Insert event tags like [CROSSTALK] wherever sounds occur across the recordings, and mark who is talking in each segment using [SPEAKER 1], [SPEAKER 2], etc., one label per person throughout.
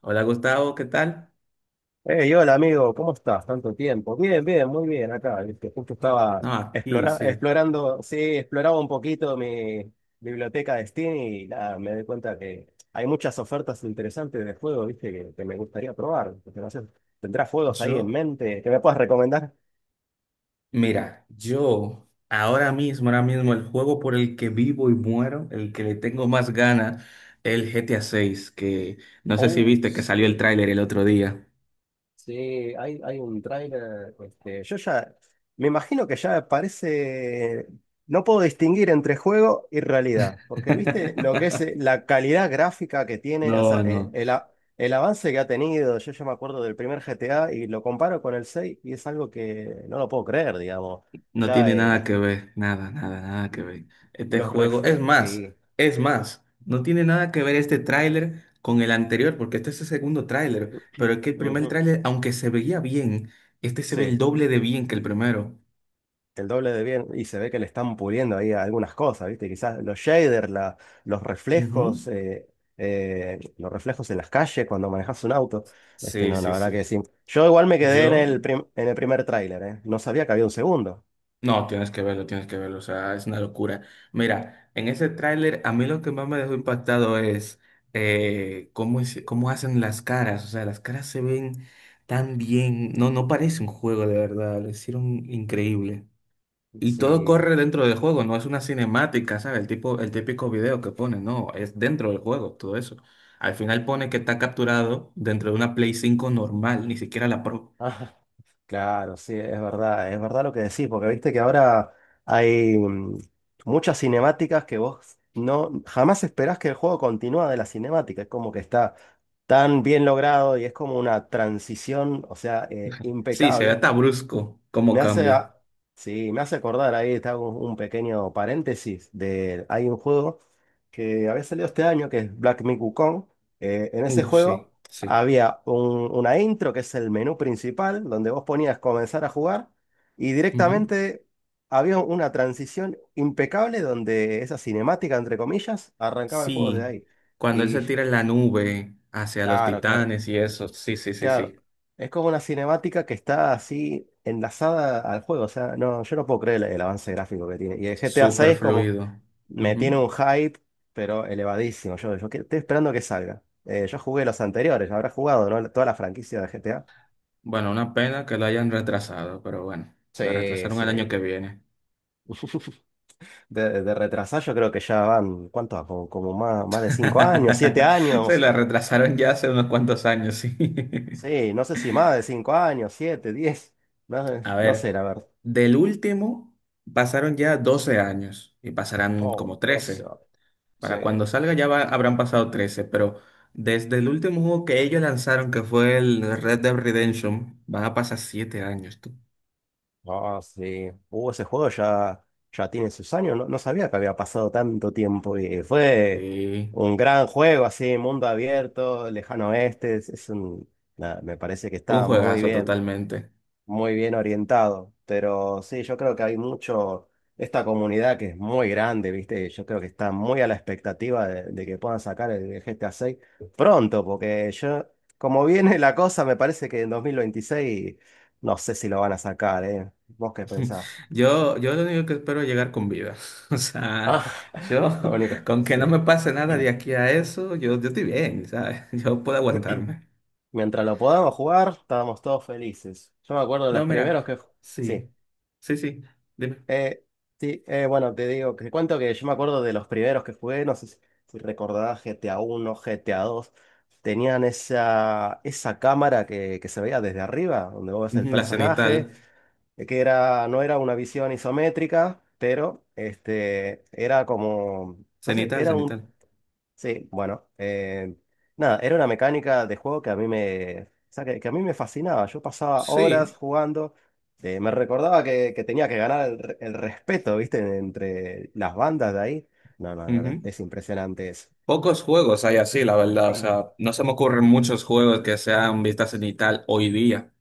[SPEAKER 1] Hola Gustavo, ¿qué tal?
[SPEAKER 2] Hey, hola amigo, ¿cómo estás? Tanto tiempo. Bien, bien, muy bien acá. Viste, justo estaba
[SPEAKER 1] No, aquí sí.
[SPEAKER 2] explorando, sí, exploraba un poquito mi biblioteca de Steam y nada, me doy cuenta que hay muchas ofertas interesantes de juegos, ¿viste? Que me gustaría probar. Porque no sé, ¿tendrás juegos ahí en
[SPEAKER 1] Yo,
[SPEAKER 2] mente que me puedas recomendar?
[SPEAKER 1] mira, yo ahora mismo el juego por el que vivo y muero, el que le tengo más ganas, el GTA 6, que no sé si
[SPEAKER 2] Oh,
[SPEAKER 1] viste que salió el
[SPEAKER 2] sí.
[SPEAKER 1] tráiler el otro día.
[SPEAKER 2] Sí, hay un tráiler, este, yo ya, me imagino que ya parece, no puedo distinguir entre juego y realidad, porque viste lo que es
[SPEAKER 1] [LAUGHS]
[SPEAKER 2] la calidad gráfica que tiene, o sea,
[SPEAKER 1] No, no.
[SPEAKER 2] el avance que ha tenido. Yo ya me acuerdo del primer GTA y lo comparo con el 6 y es algo que no lo puedo creer, digamos,
[SPEAKER 1] No
[SPEAKER 2] ya
[SPEAKER 1] tiene nada que ver, nada, nada, nada que ver. Este juego, es más,
[SPEAKER 2] sí,
[SPEAKER 1] es más, no tiene nada que ver este tráiler con el anterior, porque este es el segundo tráiler, pero es que el primer
[SPEAKER 2] ujú,
[SPEAKER 1] tráiler, aunque se veía bien, este se ve el
[SPEAKER 2] sí.
[SPEAKER 1] doble de bien que el primero.
[SPEAKER 2] El doble de bien, y se ve que le están puliendo ahí algunas cosas, ¿viste? Quizás los shaders, los reflejos,
[SPEAKER 1] Ujú.
[SPEAKER 2] eh, los reflejos en las calles cuando manejas un auto. Este,
[SPEAKER 1] Sí,
[SPEAKER 2] no, la
[SPEAKER 1] sí,
[SPEAKER 2] verdad que
[SPEAKER 1] sí.
[SPEAKER 2] sí. Yo igual me quedé en
[SPEAKER 1] Yo
[SPEAKER 2] el, en el primer tráiler, ¿eh? No sabía que había un segundo.
[SPEAKER 1] No, tienes que verlo, o sea, es una locura. Mira, en ese tráiler a mí lo que más me dejó impactado es cómo hacen las caras, o sea, las caras se ven tan bien, no, no parece un juego de verdad, lo hicieron increíble. Y todo
[SPEAKER 2] Sí,
[SPEAKER 1] corre dentro del juego, no es una cinemática, ¿sabes? El típico video que pone, no, es dentro del juego, todo eso. Al final pone que está capturado dentro de una Play 5 normal, ni siquiera la Pro.
[SPEAKER 2] ah, [LAUGHS] claro, sí, es verdad lo que decís, porque viste que ahora hay muchas cinemáticas que vos no jamás esperás que el juego continúa de la cinemática, es como que está tan bien logrado y es como una transición, o sea,
[SPEAKER 1] Sí, se ve
[SPEAKER 2] impecable.
[SPEAKER 1] hasta brusco cómo
[SPEAKER 2] Me hace,
[SPEAKER 1] cambia.
[SPEAKER 2] a- sí, me hace acordar, ahí está un pequeño paréntesis, de, hay un juego que había salido este año, que es Black Myth Wukong. En ese
[SPEAKER 1] Sí,
[SPEAKER 2] juego
[SPEAKER 1] sí.
[SPEAKER 2] una intro, que es el menú principal, donde vos ponías comenzar a jugar, y
[SPEAKER 1] Ujú.
[SPEAKER 2] directamente había una transición impecable donde esa cinemática, entre comillas, arrancaba el juego desde
[SPEAKER 1] Sí,
[SPEAKER 2] ahí.
[SPEAKER 1] cuando él se
[SPEAKER 2] Y
[SPEAKER 1] tira en la nube hacia los
[SPEAKER 2] claro, claro.
[SPEAKER 1] titanes y eso, sí, sí, sí, sí,
[SPEAKER 2] Claro, es como una cinemática que está así enlazada al juego. O sea, no, yo no puedo creer el avance gráfico que tiene. Y el GTA
[SPEAKER 1] súper
[SPEAKER 2] 6 como
[SPEAKER 1] fluido.
[SPEAKER 2] me
[SPEAKER 1] Ujú.
[SPEAKER 2] tiene un hype, pero elevadísimo. Yo, estoy esperando que salga. Yo jugué los anteriores, habrá jugado, ¿no? Toda la franquicia de GTA.
[SPEAKER 1] Bueno, una pena que lo hayan retrasado, pero bueno, la
[SPEAKER 2] Sí,
[SPEAKER 1] retrasaron
[SPEAKER 2] sí.
[SPEAKER 1] el año que viene.
[SPEAKER 2] [LAUGHS] De retrasar yo creo que ya van, ¿cuánto va? Como más de 5 años, 7
[SPEAKER 1] [LAUGHS] Se
[SPEAKER 2] años.
[SPEAKER 1] la retrasaron ya hace unos cuantos años, sí. [LAUGHS]
[SPEAKER 2] Sí, no sé si más de 5 años, 7, 10. No,
[SPEAKER 1] A
[SPEAKER 2] no
[SPEAKER 1] ver,
[SPEAKER 2] sé, la verdad.
[SPEAKER 1] del último pasaron ya 12 años y pasarán como
[SPEAKER 2] Oh, 12.
[SPEAKER 1] 13.
[SPEAKER 2] Sí.
[SPEAKER 1] Para cuando salga habrán pasado 13, pero desde el último juego que ellos lanzaron, que fue el Red Dead Redemption, van a pasar 7 años, tú.
[SPEAKER 2] Ah, sí. Ese juego ya, ya tiene sus años. No, no sabía que había pasado tanto tiempo. Y fue
[SPEAKER 1] Sí,
[SPEAKER 2] un gran juego, así, mundo abierto, lejano oeste. Es un, nada, me parece que
[SPEAKER 1] un
[SPEAKER 2] está muy
[SPEAKER 1] juegazo
[SPEAKER 2] bien,
[SPEAKER 1] totalmente.
[SPEAKER 2] muy bien orientado. Pero sí, yo creo que hay mucho, esta comunidad que es muy grande, ¿viste? Yo creo que está muy a la expectativa de que puedan sacar el GTA 6 pronto, porque yo, como viene la cosa, me parece que en 2026 no sé si lo van a sacar, ¿eh? ¿Vos qué
[SPEAKER 1] [LAUGHS]
[SPEAKER 2] pensás?
[SPEAKER 1] Yo lo único que espero es llegar con vida. [LAUGHS] O sea,
[SPEAKER 2] Ah,
[SPEAKER 1] yo,
[SPEAKER 2] [LAUGHS] lo único,
[SPEAKER 1] con que
[SPEAKER 2] sí.
[SPEAKER 1] no me pase nada de
[SPEAKER 2] [CLEARS THROAT]
[SPEAKER 1] aquí a eso, yo estoy bien, ¿sabes? [LAUGHS] Yo puedo aguantarme.
[SPEAKER 2] Mientras lo podamos jugar, estábamos todos felices. Yo me acuerdo de los
[SPEAKER 1] No, mira,
[SPEAKER 2] primeros que... Sí.
[SPEAKER 1] sí, sí, sí, dime.
[SPEAKER 2] Eh, sí, bueno, te digo, te cuento que yo me acuerdo de los primeros que jugué, no sé si recordás GTA 1, GTA dos, tenían esa, esa cámara que se veía desde arriba, donde vos ves el
[SPEAKER 1] Ujú, la
[SPEAKER 2] personaje,
[SPEAKER 1] cenital,
[SPEAKER 2] que era, no era una visión isométrica, pero este, era como, no sé,
[SPEAKER 1] cenital,
[SPEAKER 2] era un.
[SPEAKER 1] cenital.
[SPEAKER 2] Sí, bueno, nada, era una mecánica de juego que a mí me, o sea, que a mí me fascinaba. Yo pasaba horas
[SPEAKER 1] Sí.
[SPEAKER 2] jugando, me recordaba que tenía que ganar el respeto, ¿viste? Entre las bandas de ahí. No, no, la verdad, es impresionante eso.
[SPEAKER 1] Pocos juegos hay así, la verdad. O sea, no se me ocurren muchos juegos que sean vista cenital hoy día.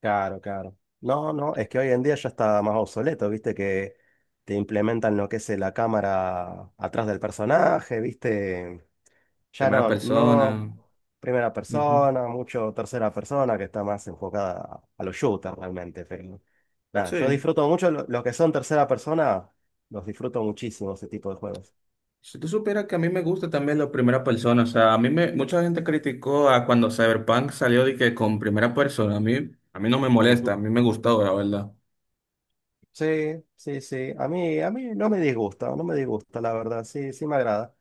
[SPEAKER 2] Claro, claro. No, no, es que hoy en día ya está más obsoleto, ¿viste? Que te implementan lo que es la cámara atrás del personaje, ¿viste? Ya
[SPEAKER 1] Primera
[SPEAKER 2] no,
[SPEAKER 1] persona.
[SPEAKER 2] no primera
[SPEAKER 1] Ujú.
[SPEAKER 2] persona, mucho tercera persona, que está más enfocada a los shooters realmente. Pero nada, yo
[SPEAKER 1] Sí.
[SPEAKER 2] disfruto mucho los que son tercera persona, los disfruto muchísimo ese tipo de juegos.
[SPEAKER 1] Si tú supieras que a mí me gusta también la primera persona, o sea, mucha gente criticó a cuando Cyberpunk salió de que con primera persona, a mí no me molesta, a
[SPEAKER 2] Ujú.
[SPEAKER 1] mí me gustó, la verdad.
[SPEAKER 2] Sí, sí, sí. A mí no me disgusta, no me disgusta, la verdad. Sí, sí me agrada.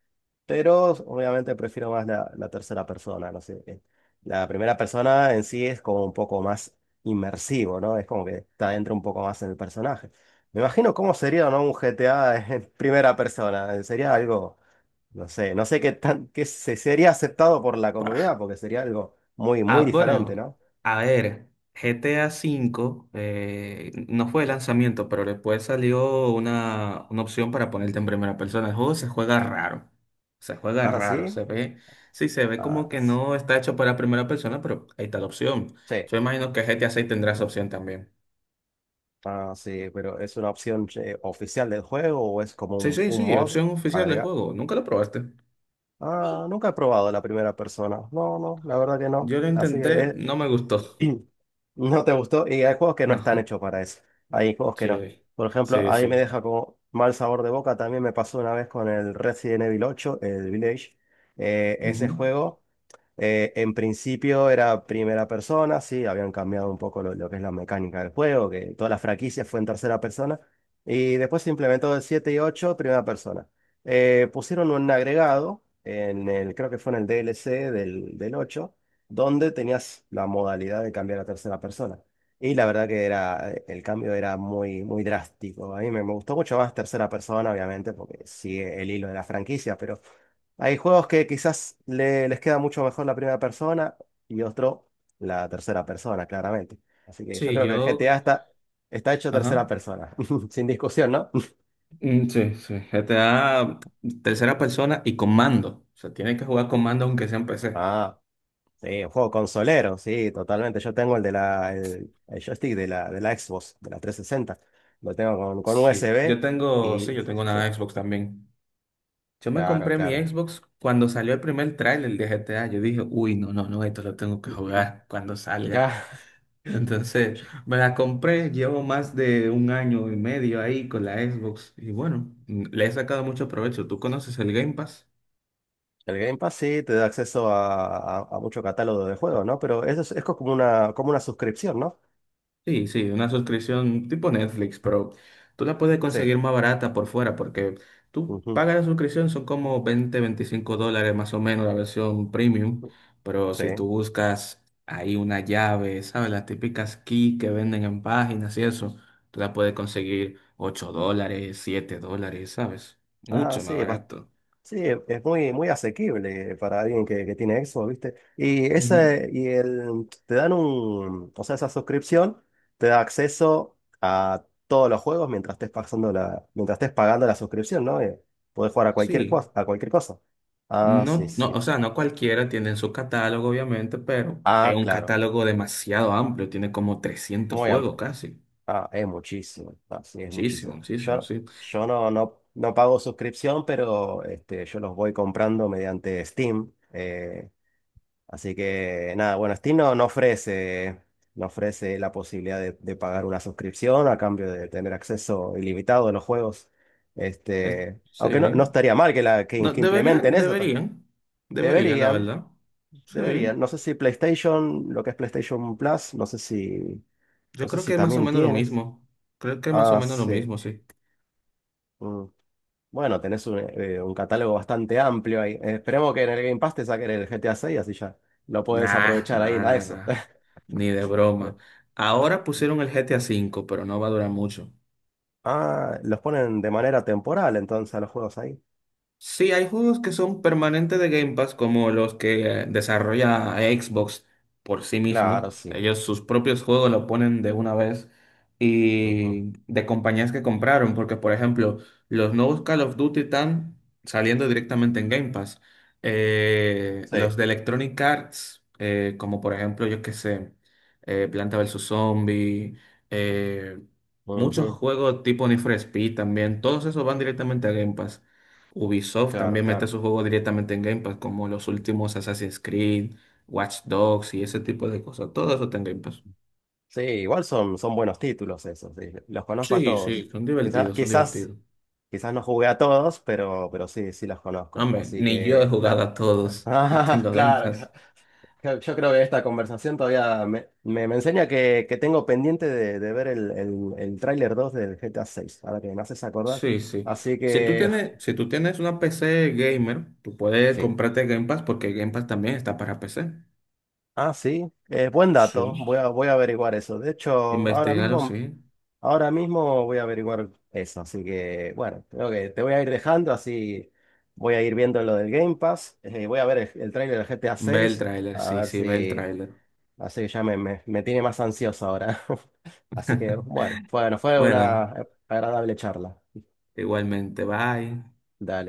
[SPEAKER 2] Pero obviamente prefiero más la tercera persona, no sé. La primera persona en sí es como un poco más inmersivo, ¿no? Es como que está dentro un poco más en el personaje. Me imagino cómo sería, ¿no? Un GTA [LAUGHS] en primera persona. Sería algo, no sé, no sé qué tan, qué se sería aceptado por la comunidad, porque sería algo muy,
[SPEAKER 1] Ah,
[SPEAKER 2] muy diferente,
[SPEAKER 1] bueno,
[SPEAKER 2] ¿no?
[SPEAKER 1] a ver, GTA V no fue de lanzamiento, pero después salió una opción para ponerte en primera persona. El juego se juega raro, se juega
[SPEAKER 2] Ah,
[SPEAKER 1] raro,
[SPEAKER 2] sí.
[SPEAKER 1] se ve, sí, se ve como
[SPEAKER 2] Ah,
[SPEAKER 1] que no está hecho para primera persona, pero ahí está la opción.
[SPEAKER 2] sí.
[SPEAKER 1] Yo imagino que GTA 6 tendrá esa opción también.
[SPEAKER 2] Ah, sí, pero ¿es una opción oficial del juego o es como
[SPEAKER 1] Sí,
[SPEAKER 2] un,
[SPEAKER 1] sí,
[SPEAKER 2] un
[SPEAKER 1] sí,
[SPEAKER 2] mod
[SPEAKER 1] opción oficial del
[SPEAKER 2] agregar?
[SPEAKER 1] juego. Nunca lo probaste.
[SPEAKER 2] Ah, sí. Nunca he probado la primera persona. No, no, la verdad que no.
[SPEAKER 1] Yo lo
[SPEAKER 2] Así
[SPEAKER 1] intenté,
[SPEAKER 2] que
[SPEAKER 1] no me gustó. [LAUGHS]
[SPEAKER 2] eh, [CLEARS THROAT] no te gustó. Y hay juegos que no están
[SPEAKER 1] No,
[SPEAKER 2] hechos para eso. Hay juegos que no.
[SPEAKER 1] sí,
[SPEAKER 2] Por ejemplo,
[SPEAKER 1] sí,
[SPEAKER 2] ahí me
[SPEAKER 1] sí.
[SPEAKER 2] deja como mal sabor de boca. También me pasó una vez con el Resident Evil ocho, el Village. Ese
[SPEAKER 1] Ujú.
[SPEAKER 2] juego. En principio era primera persona, sí, habían cambiado un poco lo que es la mecánica del juego, que toda la franquicia fue en tercera persona, y después se implementó el 7 y 8 primera persona. Pusieron un agregado, en el, creo que fue en el DLC del, del 8 donde tenías la modalidad de cambiar a tercera persona. Y la verdad que era, el cambio era muy, muy drástico. A mí me gustó mucho más tercera persona, obviamente, porque sigue el hilo de la franquicia, pero... Hay juegos que quizás les queda mucho mejor la primera persona y otro la tercera persona, claramente. Así que yo
[SPEAKER 1] Sí,
[SPEAKER 2] creo que el GTA
[SPEAKER 1] yo,
[SPEAKER 2] está hecho tercera
[SPEAKER 1] ajá.
[SPEAKER 2] persona, [LAUGHS] sin discusión, ¿no?
[SPEAKER 1] Mm, sí, sí, GTA tercera persona y con mando. O sea, tienes que jugar con mando aunque sea en PC.
[SPEAKER 2] Ah, sí, un juego consolero, sí, totalmente. Yo tengo el de la, el joystick de la Xbox, de la 360. Lo tengo con USB y...
[SPEAKER 1] Sí, yo tengo una
[SPEAKER 2] [LAUGHS]
[SPEAKER 1] Xbox también. Yo me
[SPEAKER 2] Claro,
[SPEAKER 1] compré mi
[SPEAKER 2] claro.
[SPEAKER 1] Xbox cuando salió el primer tráiler de GTA. Yo dije, uy, no, no, no, esto lo tengo que
[SPEAKER 2] [CLEARS THROAT]
[SPEAKER 1] jugar cuando salga.
[SPEAKER 2] Ya,
[SPEAKER 1] Entonces, me la compré, llevo más de un año y medio ahí con la Xbox. Y bueno, le he sacado mucho provecho. ¿Tú conoces el Game Pass?
[SPEAKER 2] el Game Pass sí te da acceso a mucho catálogo de juegos, ¿no? Pero eso es como una suscripción, ¿no?
[SPEAKER 1] Sí, sí, una suscripción tipo Netflix, pero tú la puedes
[SPEAKER 2] Sí.
[SPEAKER 1] conseguir más barata por fuera porque tú
[SPEAKER 2] Ujú.
[SPEAKER 1] pagas la suscripción, son como 20, $25 más o menos la versión premium, pero
[SPEAKER 2] Sí.
[SPEAKER 1] si tú buscas ahí una llave, ¿sabes? Las típicas key que venden en páginas y eso, tú la puedes conseguir $8, $7, ¿sabes?
[SPEAKER 2] Ah,
[SPEAKER 1] Mucho más
[SPEAKER 2] sí,
[SPEAKER 1] barato.
[SPEAKER 2] sí, es muy, muy asequible para alguien que tiene Xbox, ¿viste? Y
[SPEAKER 1] Ujú.
[SPEAKER 2] ese, y el, te dan un, o sea, esa suscripción te da acceso a todos los juegos mientras estés pasando la, mientras estés pagando la suscripción, ¿no? Podés jugar a cualquier
[SPEAKER 1] Sí.
[SPEAKER 2] cosa, a cualquier cosa. Ah, sí,
[SPEAKER 1] No, no, o
[SPEAKER 2] sí.
[SPEAKER 1] sea, no cualquiera tiene en su catálogo, obviamente, pero es
[SPEAKER 2] Ah,
[SPEAKER 1] un
[SPEAKER 2] claro.
[SPEAKER 1] catálogo demasiado amplio, tiene como 300
[SPEAKER 2] Muy
[SPEAKER 1] juegos
[SPEAKER 2] amplio.
[SPEAKER 1] casi.
[SPEAKER 2] Ah, es muchísimo. Ah, sí, es
[SPEAKER 1] Muchísimo,
[SPEAKER 2] muchísimo.
[SPEAKER 1] muchísimo,
[SPEAKER 2] Yo,
[SPEAKER 1] sí.
[SPEAKER 2] yo no pago suscripción, pero este, yo los voy comprando mediante Steam. Así que nada, bueno, Steam no ofrece la posibilidad de pagar una suscripción a cambio de tener acceso ilimitado a los juegos.
[SPEAKER 1] Es-
[SPEAKER 2] Este, aunque no
[SPEAKER 1] sí.
[SPEAKER 2] estaría mal que, la, que,
[SPEAKER 1] No,
[SPEAKER 2] que implementen
[SPEAKER 1] deberían,
[SPEAKER 2] eso. Ta-
[SPEAKER 1] deberían, deberían, la
[SPEAKER 2] Deberían,
[SPEAKER 1] verdad. Sí.
[SPEAKER 2] deberían. No sé si PlayStation, lo que es PlayStation Plus, no sé si,
[SPEAKER 1] Yo
[SPEAKER 2] no sé
[SPEAKER 1] creo que
[SPEAKER 2] si
[SPEAKER 1] es más o
[SPEAKER 2] también
[SPEAKER 1] menos lo
[SPEAKER 2] tienes.
[SPEAKER 1] mismo. Creo que es más o
[SPEAKER 2] Ah,
[SPEAKER 1] menos lo
[SPEAKER 2] sí.
[SPEAKER 1] mismo, sí.
[SPEAKER 2] Mm. Bueno, tenés un catálogo bastante amplio ahí. Esperemos que en el Game Pass te saquen el GTA 6, así ya lo puedes
[SPEAKER 1] Nah,
[SPEAKER 2] aprovechar
[SPEAKER 1] nah,
[SPEAKER 2] ahí a
[SPEAKER 1] nah,
[SPEAKER 2] eso.
[SPEAKER 1] nah. Ni de broma. Ahora
[SPEAKER 2] [LAUGHS]
[SPEAKER 1] pusieron el GTA 5 pero no va a durar mucho.
[SPEAKER 2] Ah, los ponen de manera temporal entonces a los juegos ahí.
[SPEAKER 1] Sí, hay juegos que son permanentes de Game Pass, como los que desarrolla Xbox por sí mismo.
[SPEAKER 2] Claro, sí.
[SPEAKER 1] Ellos sus propios juegos lo ponen de una vez
[SPEAKER 2] Ujú.
[SPEAKER 1] y de compañías que compraron, porque por ejemplo, los nuevos Call of Duty están saliendo directamente en Game Pass.
[SPEAKER 2] Sí,
[SPEAKER 1] Los de Electronic Arts, como por ejemplo, yo qué sé, Planta vs. Zombie, eh, muchos
[SPEAKER 2] ujú,
[SPEAKER 1] juegos tipo Need for Speed también, todos esos van directamente a Game Pass. Ubisoft
[SPEAKER 2] claro,
[SPEAKER 1] también mete
[SPEAKER 2] claro.
[SPEAKER 1] sus juegos directamente en Game Pass, como los últimos Assassin's Creed, Watch Dogs y ese tipo de cosas. Todo eso está en Game Pass.
[SPEAKER 2] Sí, igual son, son buenos títulos esos, sí, los conozco a
[SPEAKER 1] Sí,
[SPEAKER 2] todos.
[SPEAKER 1] sí, son
[SPEAKER 2] Quizás,
[SPEAKER 1] divertidos, son
[SPEAKER 2] quizás,
[SPEAKER 1] divertidos.
[SPEAKER 2] quizás no jugué a todos, pero sí, sí los conozco.
[SPEAKER 1] Hombre,
[SPEAKER 2] Así
[SPEAKER 1] ni yo he
[SPEAKER 2] que,
[SPEAKER 1] jugado
[SPEAKER 2] la-
[SPEAKER 1] a
[SPEAKER 2] [LAUGHS]
[SPEAKER 1] todos y
[SPEAKER 2] Ah,
[SPEAKER 1] tengo Game
[SPEAKER 2] claro, claro.
[SPEAKER 1] Pass.
[SPEAKER 2] Creo- Yo creo que esta conversación todavía me enseña que tengo pendiente de ver el tráiler 2 del GTA seis, ahora que me haces acordar.
[SPEAKER 1] Sí, sí.
[SPEAKER 2] Así
[SPEAKER 1] Si tú
[SPEAKER 2] que,
[SPEAKER 1] tienes, si tú tienes una PC gamer, tú puedes
[SPEAKER 2] [LAUGHS] sí.
[SPEAKER 1] comprarte Game Pass porque Game Pass también está para PC.
[SPEAKER 2] Ah, sí, buen
[SPEAKER 1] Sí.
[SPEAKER 2] dato, voy a averiguar eso. De hecho, ahora
[SPEAKER 1] Investígalo,
[SPEAKER 2] mismo,
[SPEAKER 1] sí.
[SPEAKER 2] ahora mismo voy a averiguar eso, así que bueno, creo que te voy a ir dejando, así voy a ir viendo lo del Game Pass, voy a ver el tráiler del GTA
[SPEAKER 1] Ve el
[SPEAKER 2] seis
[SPEAKER 1] tráiler,
[SPEAKER 2] a
[SPEAKER 1] sí,
[SPEAKER 2] ver
[SPEAKER 1] sí, ve el
[SPEAKER 2] si,
[SPEAKER 1] tráiler.
[SPEAKER 2] así que ya me tiene más ansioso ahora. [LAUGHS] Así que bueno, bueno,
[SPEAKER 1] [LAUGHS]
[SPEAKER 2] fue
[SPEAKER 1] Bueno,
[SPEAKER 2] una agradable charla.
[SPEAKER 1] igualmente, bye.
[SPEAKER 2] Dale.